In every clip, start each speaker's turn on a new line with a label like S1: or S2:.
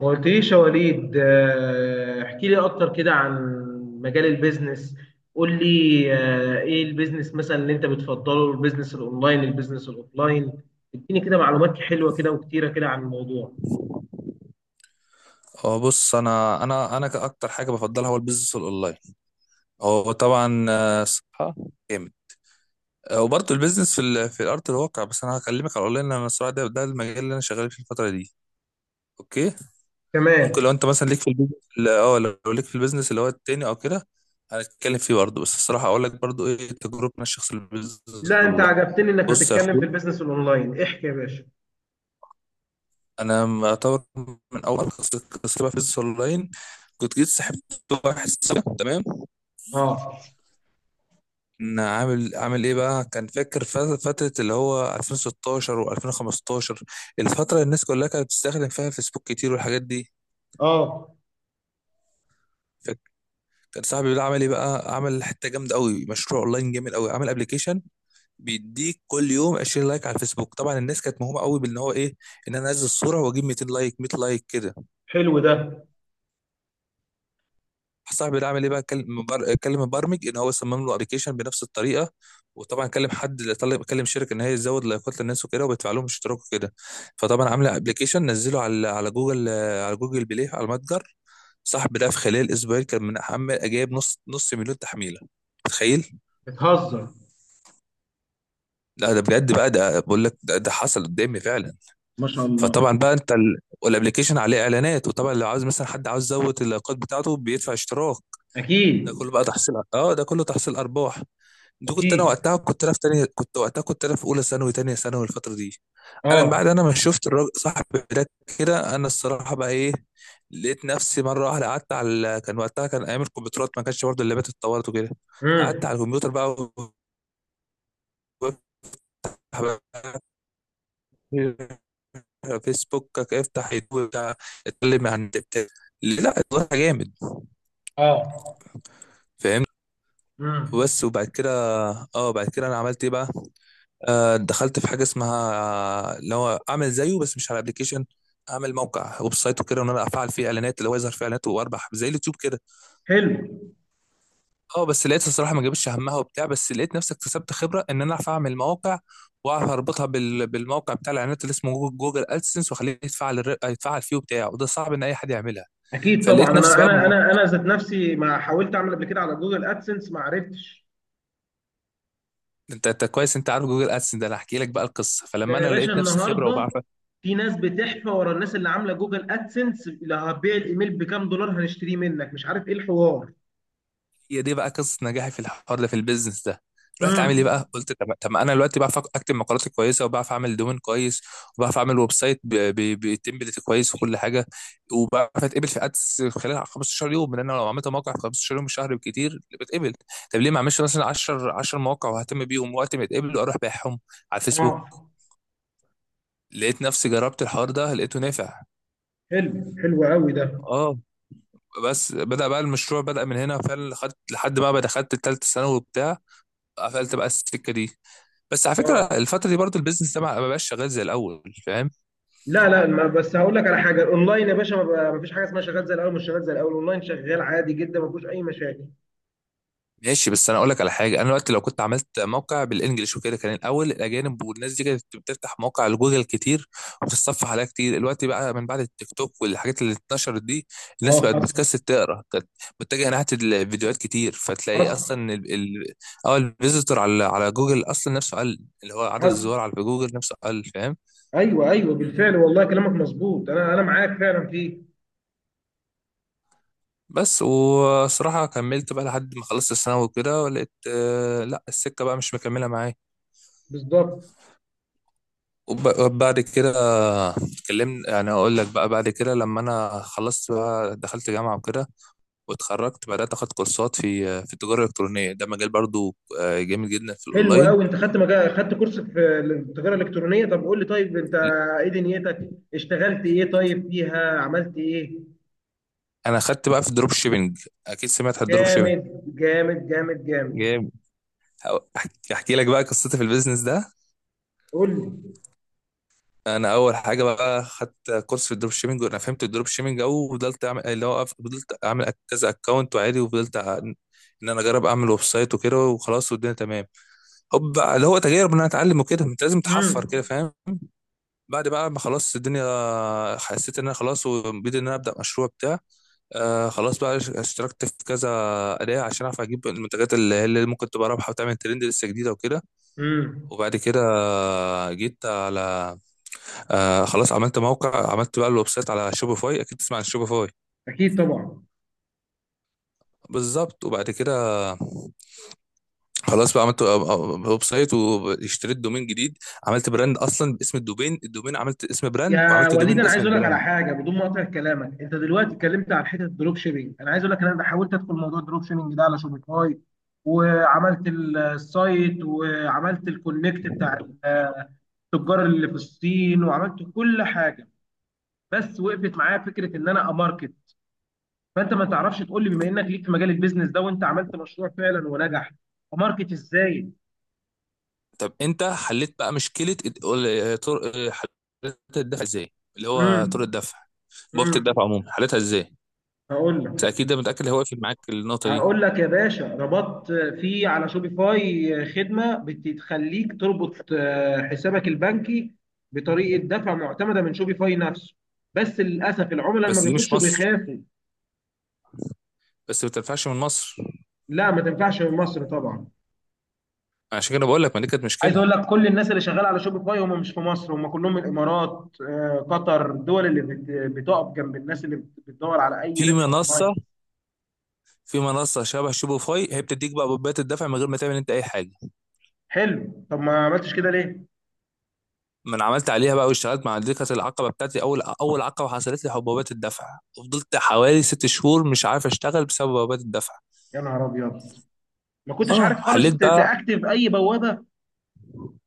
S1: ما قلتليش يا وليد، احكي لي اكتر كده عن مجال البيزنس. قول لي. ايه البيزنس مثلا اللي انت بتفضله؟ البيزنس الاونلاين، البيزنس الاوفلاين؟ اديني كده معلومات حلوة كده وكتيرة كده عن الموضوع.
S2: هو بص، انا اكتر حاجه بفضلها هو البيزنس الاونلاين. هو طبعا، صحه جامد. وبرضه البيزنس في في الارض الواقع. بس انا هكلمك على الاونلاين لان الصراحه ده المجال اللي انا شغال فيه الفتره دي. اوكي، ممكن لو
S1: تمام.
S2: انت مثلا ليك في البيزنس، اه لو ليك في البيزنس اللي هو التاني او كده هنتكلم فيه برضه. بس الصراحه اقول لك برضه ايه تجربتنا الشخصيه في البيزنس.
S1: لا، انت
S2: والله
S1: عجبتني انك
S2: بص يا
S1: هتتكلم في
S2: اخويا،
S1: البيزنس الاونلاين، احكي يا باشا.
S2: انا اعتبر من اول قصه بقى في البيزنس اونلاين كنت جيت سحبت واحد صاحبي، تمام؟
S1: اه.
S2: ان عامل ايه بقى؟ كان فاكر فتره اللي هو 2016 و2015، الفتره اللي الناس كلها كانت بتستخدم فيها فيسبوك كتير والحاجات دي،
S1: اه.
S2: فاكر؟ كان صاحبي بيقول عمل ايه بقى؟ عمل حته جامده قوي، مشروع اونلاين جامد قوي. عمل ابلكيشن بيديك كل يوم 20 لايك على الفيسبوك. طبعا الناس كانت مهومه قوي بان هو ايه؟ ان انا انزل الصوره واجيب 200 لايك، 100 لايك كده.
S1: حلو ده.
S2: صاحبي ده عمل ايه بقى؟ كلم مبرمج ان هو صمم له ابلكيشن بنفس الطريقه، وطبعا كلم حد، طلب كلم شركه ان هي تزود لايكات للناس وكده وبيدفع لهم اشتراك وكده. فطبعا عامل ابلكيشن نزله على جوجل، على جوجل بلاي، على المتجر. صاحبي ده في خلال اسبوعين كان من عمال جايب نص مليون تحميله. متخيل؟
S1: بتهزر؟
S2: لا ده بجد بقى، ده بقول لك ده حصل قدامي فعلا.
S1: ما شاء الله.
S2: فطبعا بقى انت والابليكيشن عليه اعلانات، وطبعا لو عاوز مثلا حد عاوز يزود اللايكات بتاعته بيدفع اشتراك. ده
S1: اكيد.
S2: كله بقى تحصيل، اه ده كله تحصيل ارباح. دي كنت انا
S1: اكيد.
S2: وقتها، كنت انا في تانية، كنت وقتها، كنت انا في اولى ثانوي تانية ثانوي الفتره دي. انا من
S1: اه.
S2: بعد انا ما شفت الراجل صاحبي ده، كده انا الصراحه بقى ايه؟ لقيت نفسي مره واحده قعدت على كان وقتها كان ايام الكمبيوترات، ما كانش برضه اللابات اتطورت وكده. قعدت على
S1: امم.
S2: الكمبيوتر بقى وبفتح بقى فيسبوكك، افتح يوتيوب بتاع، اتكلم عن بتاع، لا اتغير جامد،
S1: اه.
S2: فاهمت؟
S1: امم.
S2: بس وبعد كده، اه بعد كده انا عملت ايه بقى؟ آه دخلت في حاجه اسمها اللي هو اعمل زيه بس مش على ابلكيشن. اعمل موقع ويب سايت وكده، وان انا افعل فيه اعلانات اللي هو يظهر فيه اعلانات واربح زي اليوتيوب كده.
S1: حلو.
S2: اه بس لقيت الصراحه ما جابتش همها وبتاع، بس لقيت نفسي اكتسبت خبره ان انا اعرف اعمل مواقع واعرف اربطها بالموقع بتاع الاعلانات اللي اسمه جوجل ادسنس، واخليه يتفعل يتفعل فيه وبتاع، وده صعب ان اي حد يعملها.
S1: اكيد طبعا.
S2: فلقيت نفسي
S1: انا
S2: بقى،
S1: انا انا انا ذات نفسي ما حاولت اعمل قبل كده على جوجل ادسنس، ما عرفتش.
S2: انت كويس، انت عارف جوجل ادسن ده، انا هحكي لك بقى القصه.
S1: ده
S2: فلما
S1: يا
S2: انا
S1: باشا
S2: لقيت نفسي خبره
S1: النهارده
S2: وبعرف،
S1: في ناس بتحفى ورا الناس اللي عامله جوجل ادسنس، اللي هتبيع الايميل بكام دولار هنشتريه منك، مش عارف ايه الحوار.
S2: هي دي بقى قصه نجاحي في الحوار ده، في البيزنس ده. رحت عامل ايه
S1: امم.
S2: بقى؟ قلت طب ما انا دلوقتي بعرف اكتب مقالات كويسه، وبعرف اعمل دومين كويس، وبعرف اعمل ويب سايت بتمبلت كويس وكل حاجه، وبعرف اتقبل في ادس خلال 15 يوم، لان انا لو عملت موقع في 15 يوم شهر بكتير بتقبل. طب ليه ما اعملش مثلا 10 10 مواقع واهتم بيهم وقت ما يتقبلوا اروح بايعهم على
S1: اه.
S2: الفيسبوك؟ لقيت نفسي جربت الحوار ده، لقيته نافع.
S1: حلو. حلو قوي ده.
S2: اه بس بدأ بقى المشروع، بدأ من هنا فعلا، خدت لحد ما دخلت التالتة ثانوي وبتاع. قفلت بقى السكة دي. بس على فكرة
S1: اه.
S2: الفترة دي برضو البيزنس ده ما بقاش شغال زي الأول، فاهم؟
S1: لا لا، ما بس هقول لك على حاجه. الاونلاين يا باشا، ما فيش حاجه اسمها شغال زي الاول، مش شغال زي الاول. الاونلاين شغال عادي جدا، ما فيهوش اي مشاكل.
S2: ماشي، بس انا اقول لك على حاجه: انا دلوقتي لو كنت عملت موقع بالانجلش وكده، كان الاول الاجانب والناس دي كانت بتفتح مواقع لجوجل كتير، وبتتصفح عليها كتير. دلوقتي بقى من بعد التيك توك والحاجات اللي اتنشرت دي،
S1: اه.
S2: الناس بقت
S1: حصل.
S2: بتكسل تقرا. كانت متجهه ناحيه الفيديوهات كتير. فتلاقي
S1: حصل.
S2: اصلا اه الفيزيتور على جوجل اصلا نفسه قل، اللي هو عدد
S1: حصل.
S2: الزوار على جوجل نفسه قل، فاهم؟
S1: ايوه ايوه، بالفعل والله كلامك مظبوط، انا معاك فعلا فيه.
S2: بس وصراحه كملت بقى لحد ما خلصت الثانوي وكده، ولقيت آه لا السكه بقى مش مكمله معايا.
S1: بالظبط.
S2: وبعد كده اتكلمنا، يعني اقول لك بقى بعد كده لما انا خلصت بقى دخلت جامعه وكده، واتخرجت بدات اخد كورسات في في التجاره الالكترونيه. ده مجال برضو، جامد جدا في
S1: حلو
S2: الاونلاين.
S1: قوي. انت خدت مجال، خدت كورس في التجاره الالكترونيه. طب قول لي، طيب انت ايه دنيتك؟ اشتغلت ايه طيب فيها؟ عملت ايه؟
S2: انا خدت بقى في الدروب شيبنج، اكيد سمعت عن الدروب شيبنج.
S1: جامد. جامد جامد جامد.
S2: جامد. احكي، أحكي لك بقى قصتي في البيزنس ده.
S1: قول لي.
S2: انا اول حاجه بقى خدت كورس في الدروب شيبنج، وانا فهمت الدروب شيبنج، او وفضلت اعمل اللي هو فضلت اعمل كذا اكونت وعادي، وفضلت ان انا اجرب اعمل ويب سايت وكده وخلاص والدنيا تمام. حب بقى اللي هو تجارب ان انا اتعلم وكده، انت لازم تحفر
S1: امم.
S2: كده، فاهم؟ بعد بقى ما خلاص الدنيا حسيت ان انا خلاص، وبدي ان انا ابدا مشروع بتاع. آه خلاص بقى اشتركت في كذا اداه عشان اعرف اجيب المنتجات اللي هي اللي ممكن تبقى رابحه وتعمل ترند لسه جديده وكده.
S1: امم.
S2: وبعد كده جيت على آه خلاص، عملت موقع، عملت بقى الويب سايت على شوبيفاي، اكيد تسمع عن شوبيفاي.
S1: اكيد طبعا.
S2: بالظبط. وبعد كده خلاص بقى عملت ويب سايت، واشتريت دومين جديد. عملت براند اصلا باسم الدومين، الدومين عملت اسم براند
S1: يا
S2: وعملت
S1: وليد،
S2: دومين
S1: انا عايز
S2: باسم
S1: اقول لك على
S2: البراند.
S1: حاجه بدون ما اقطع كلامك. انت دلوقتي اتكلمت عن حته الدروب شيبينج. انا عايز اقول لك ان انا حاولت ادخل موضوع الدروب شيبينج ده على شوبيفاي، وعملت السايت، وعملت الكونكت بتاع التجار اللي في الصين، وعملت كل حاجه. بس وقفت معايا فكره ان انا اماركت. فانت ما تعرفش تقول لي، بما انك ليك في مجال البيزنس ده وانت عملت مشروع فعلا ونجح، اماركت ازاي؟
S2: طب انت حليت بقى مشكله طرق، حليت الدفع ازاي، اللي هو طرق
S1: امم.
S2: الدفع؟ بوابه
S1: امم.
S2: الدفع عموما حليتها ازاي؟
S1: هقول
S2: انت
S1: لك.
S2: اكيد ده متاكد اللي هو واقف معاك النقطه دي.
S1: هقول لك يا باشا، ربطت في على شوبيفاي خدمة بتخليك تربط حسابك البنكي بطريقة دفع معتمدة من شوبيفاي نفسه، بس للأسف العملاء لما
S2: بس دي مش
S1: بيخشوا
S2: مصر،
S1: بيخافوا.
S2: بس ما تنفعش من مصر.
S1: لا، ما تنفعش من مصر طبعا.
S2: عشان كده بقول لك، ما دي كانت
S1: عايز
S2: مشكله.
S1: اقول لك، كل الناس اللي شغاله على شوبيفاي هم مش في مصر، هم كلهم من الامارات، قطر، الدول اللي بتقف جنب الناس اللي بتدور على اي
S2: في
S1: ربح اونلاين.
S2: منصه في منصه شبه شوبيفاي، هي بتديك بقى بوابات الدفع من غير ما تعمل انت اي حاجه.
S1: حلو، طب ما عملتش كده ليه؟
S2: ما انا عملت عليها بقى واشتغلت مع دي، كانت العقبه بتاعتي، اول اول عقبه حصلت لي، حبوبات الدفع، وفضلت حوالي 6 شهور مش عارف اشتغل بسبب حبوبات الدفع.
S1: يا نهار ابيض، ما كنتش عارف
S2: اه
S1: خالص
S2: حليت بقى،
S1: تاكتف اي بوابة.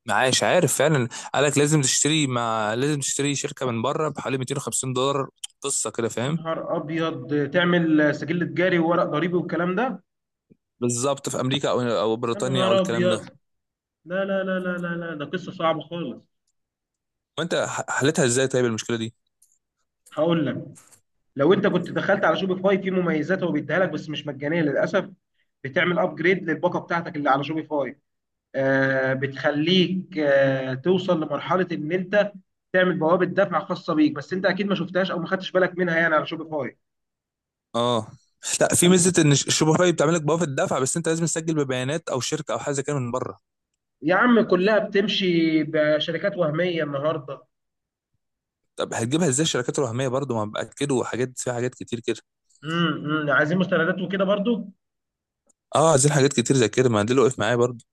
S2: معاش عارف فعلا. قالك لازم تشتري، ما لازم تشتري شركه من بره بحوالي 250 دولار، قصه كده،
S1: يا
S2: فاهم؟
S1: نهار ابيض، تعمل سجل تجاري وورق ضريبي والكلام ده.
S2: بالظبط، في امريكا او
S1: يا
S2: بريطانيا او
S1: نهار
S2: الكلام ده.
S1: ابيض. لا لا لا لا لا لا، ده قصه صعبه خالص.
S2: وانت حلتها ازاي طيب المشكله دي؟
S1: هقول لك، لو انت كنت دخلت على شوبيفاي في مميزات هو بيديها لك، بس مش مجانيه للاسف. بتعمل ابجريد للباقه بتاعتك اللي على شوبيفاي، بتخليك توصل لمرحله ان انت تعمل بوابه دفع خاصه بيك. بس انت اكيد ما شفتهاش او ما خدتش بالك منها يعني، على شوبيفاي.
S2: اه لا، في
S1: يعني
S2: ميزه ان شوبيفاي بتعمل لك بوابه الدفع، بس انت لازم تسجل ببيانات او شركه او حاجه زي كده من بره.
S1: يا عم، كلها بتمشي بشركات وهميه النهارده.
S2: طب هتجيبها ازاي الشركات الوهميه برضو؟ ما باكدوا حاجات فيها حاجات كتير كده.
S1: امم. عايزين مستندات وكده برضو.
S2: اه عايزين حاجات كتير زي كده، ما ده اللي وقف معايا برضو.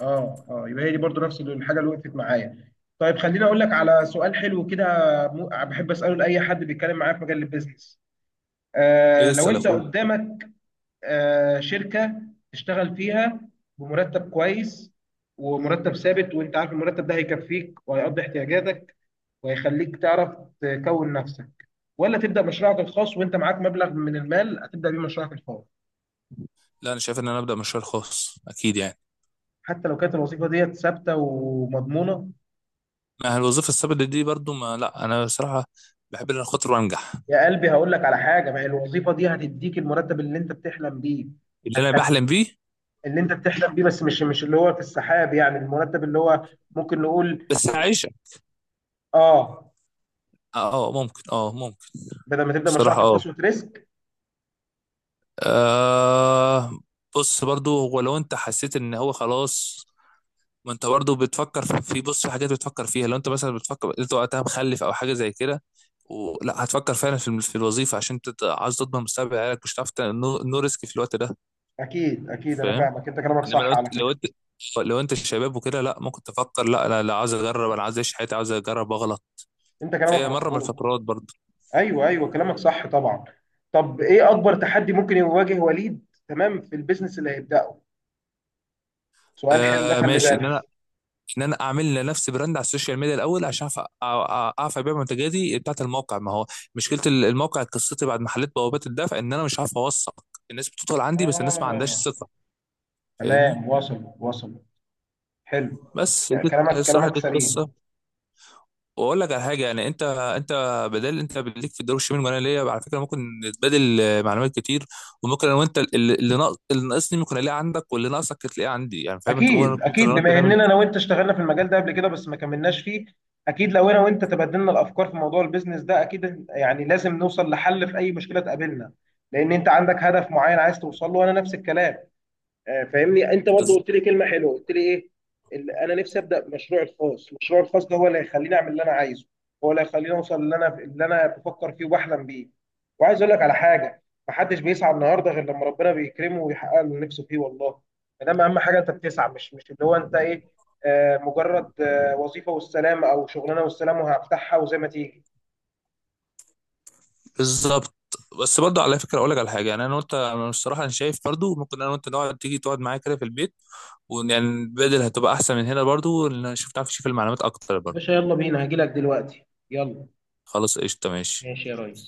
S1: اه. اه، يبقى هي دي برضو نفس الحاجه اللي وقفت معايا. طيب خليني اقول لك على سؤال حلو كده، بحب اساله لاي حد بيتكلم معايا في مجال البيزنس.
S2: ايه،
S1: لو
S2: اسال يا
S1: انت
S2: اخوي.
S1: قدامك شركه تشتغل فيها بمرتب كويس، ومرتب ثابت، وانت عارف المرتب ده هيكفيك وهيقضي احتياجاتك وهيخليك تعرف تكون نفسك، ولا تبدا مشروعك الخاص وانت معاك مبلغ من المال هتبدا بيه مشروعك الخاص،
S2: لا انا شايف ان انا ابدا مشروع خاص اكيد يعني.
S1: حتى لو كانت الوظيفه ديت ثابته ومضمونه؟
S2: ما الوظيفه الثابته دي برضو، ما لا انا بصراحه بحب ان انا خاطر وانجح.
S1: يا قلبي، هقول لك على حاجه: ما هي الوظيفه دي هتديك المرتب اللي انت بتحلم بيه.
S2: اللي انا
S1: هتخلي
S2: بحلم بيه
S1: اللي انت بتحلم بيه، بس مش اللي هو في السحاب يعني، المرتب اللي هو ممكن نقول
S2: بس
S1: مش.
S2: عايشه.
S1: اه،
S2: اه ممكن، اه ممكن.
S1: بدل ما تبدا مشروعك
S2: بصراحه اه،
S1: الخاص وتريسك.
S2: آه، بص برضو هو لو انت حسيت ان هو خلاص. ما انت برضه بتفكر في بص في حاجات بتفكر فيها. لو انت مثلا بتفكر انت وقتها مخلف او حاجه زي كده، ولا هتفكر فعلا في في الوظيفه عشان انت عاوز تضمن مستقبل عيالك، مش هتعرف نو ريسك في الوقت ده،
S1: اكيد اكيد، انا
S2: فاهم؟
S1: فاهمك، انت كلامك
S2: انما لو
S1: صح
S2: انت
S1: على فكره.
S2: شباب وكده، لا ممكن تفكر لا انا لا، عاوز اجرب، انا عاوز اعيش حياتي، عاوز اجرب واغلط
S1: انت كلامك
S2: في مره من
S1: مظبوط.
S2: الفترات برضه.
S1: ايوه ايوه، كلامك صح طبعا. طب ايه اكبر تحدي ممكن يواجه وليد، تمام، في البيزنس اللي هيبداه؟ سؤال حلو ده،
S2: آه
S1: خلي
S2: ماشي، ان
S1: بالك.
S2: انا اعمل لنفسي براند على السوشيال ميديا الاول عشان اعرف ابيع منتجاتي بتاعت الموقع. ما هو مشكله الموقع، قصتي بعد محلات بوابات الدفع، ان انا مش عارف اوثق الناس. بتدخل عندي بس الناس ما عندهاش
S1: اه،
S2: ثقه، فاهمني؟
S1: تمام، وصل وصل. حلو.
S2: بس دي
S1: كلامك
S2: الصراحه
S1: كلامك
S2: دي
S1: سليم.
S2: القصه. واقول لك على حاجه يعني، انت بدل انت ليك في الدروب الشمال وانا ليا، على فكره ممكن نتبادل معلومات كتير. وممكن انا وانت اللي ناقصني ممكن الاقيه عندك، واللي ناقصك تلاقيه عندي، يعني فاهم؟ انت ممكن،
S1: اكيد اكيد،
S2: انا وانت
S1: بما
S2: نعمل.
S1: اننا انا وانت اشتغلنا في المجال ده قبل كده بس ما كملناش فيه. اكيد لو انا وانت تبادلنا الافكار في موضوع البيزنس ده، اكيد يعني لازم نوصل لحل في اي مشكله تقابلنا، لان انت عندك هدف معين عايز توصل له، وانا نفس الكلام. فاهمني. انت برضو قلت لي كلمه حلوه، قلت لي ايه؟ انا نفسي ابدا مشروع الخاص. المشروع الخاص ده هو اللي هيخليني اعمل اللي انا عايزه، هو اللي هيخليني اوصل اللي انا بفكر فيه وبحلم بيه. وعايز اقول لك على حاجه، محدش بيسعى النهارده غير لما ربنا بيكرمه ويحقق له نفسه فيه والله. فده اهم حاجه، انت بتسعى، مش اللي هو انت ايه، مجرد وظيفه والسلام، او شغلانه والسلام وهفتحها وزي ما تيجي.
S2: بالظبط. بس برضه على فكره اقول لك على حاجه يعني انا وانت، انا الصراحه انا شايف برضه ممكن انا وانت نقعد، تيجي تقعد معايا كده في البيت، ويعني بدل هتبقى احسن من هنا برضه، لان انا شفت عارف اشوف المعلومات اكتر
S1: يا باشا
S2: برضه.
S1: يلا بينا، هجيلك دلوقتي. يلا.
S2: خلاص قشطه، ماشي.
S1: ماشي يا ريس.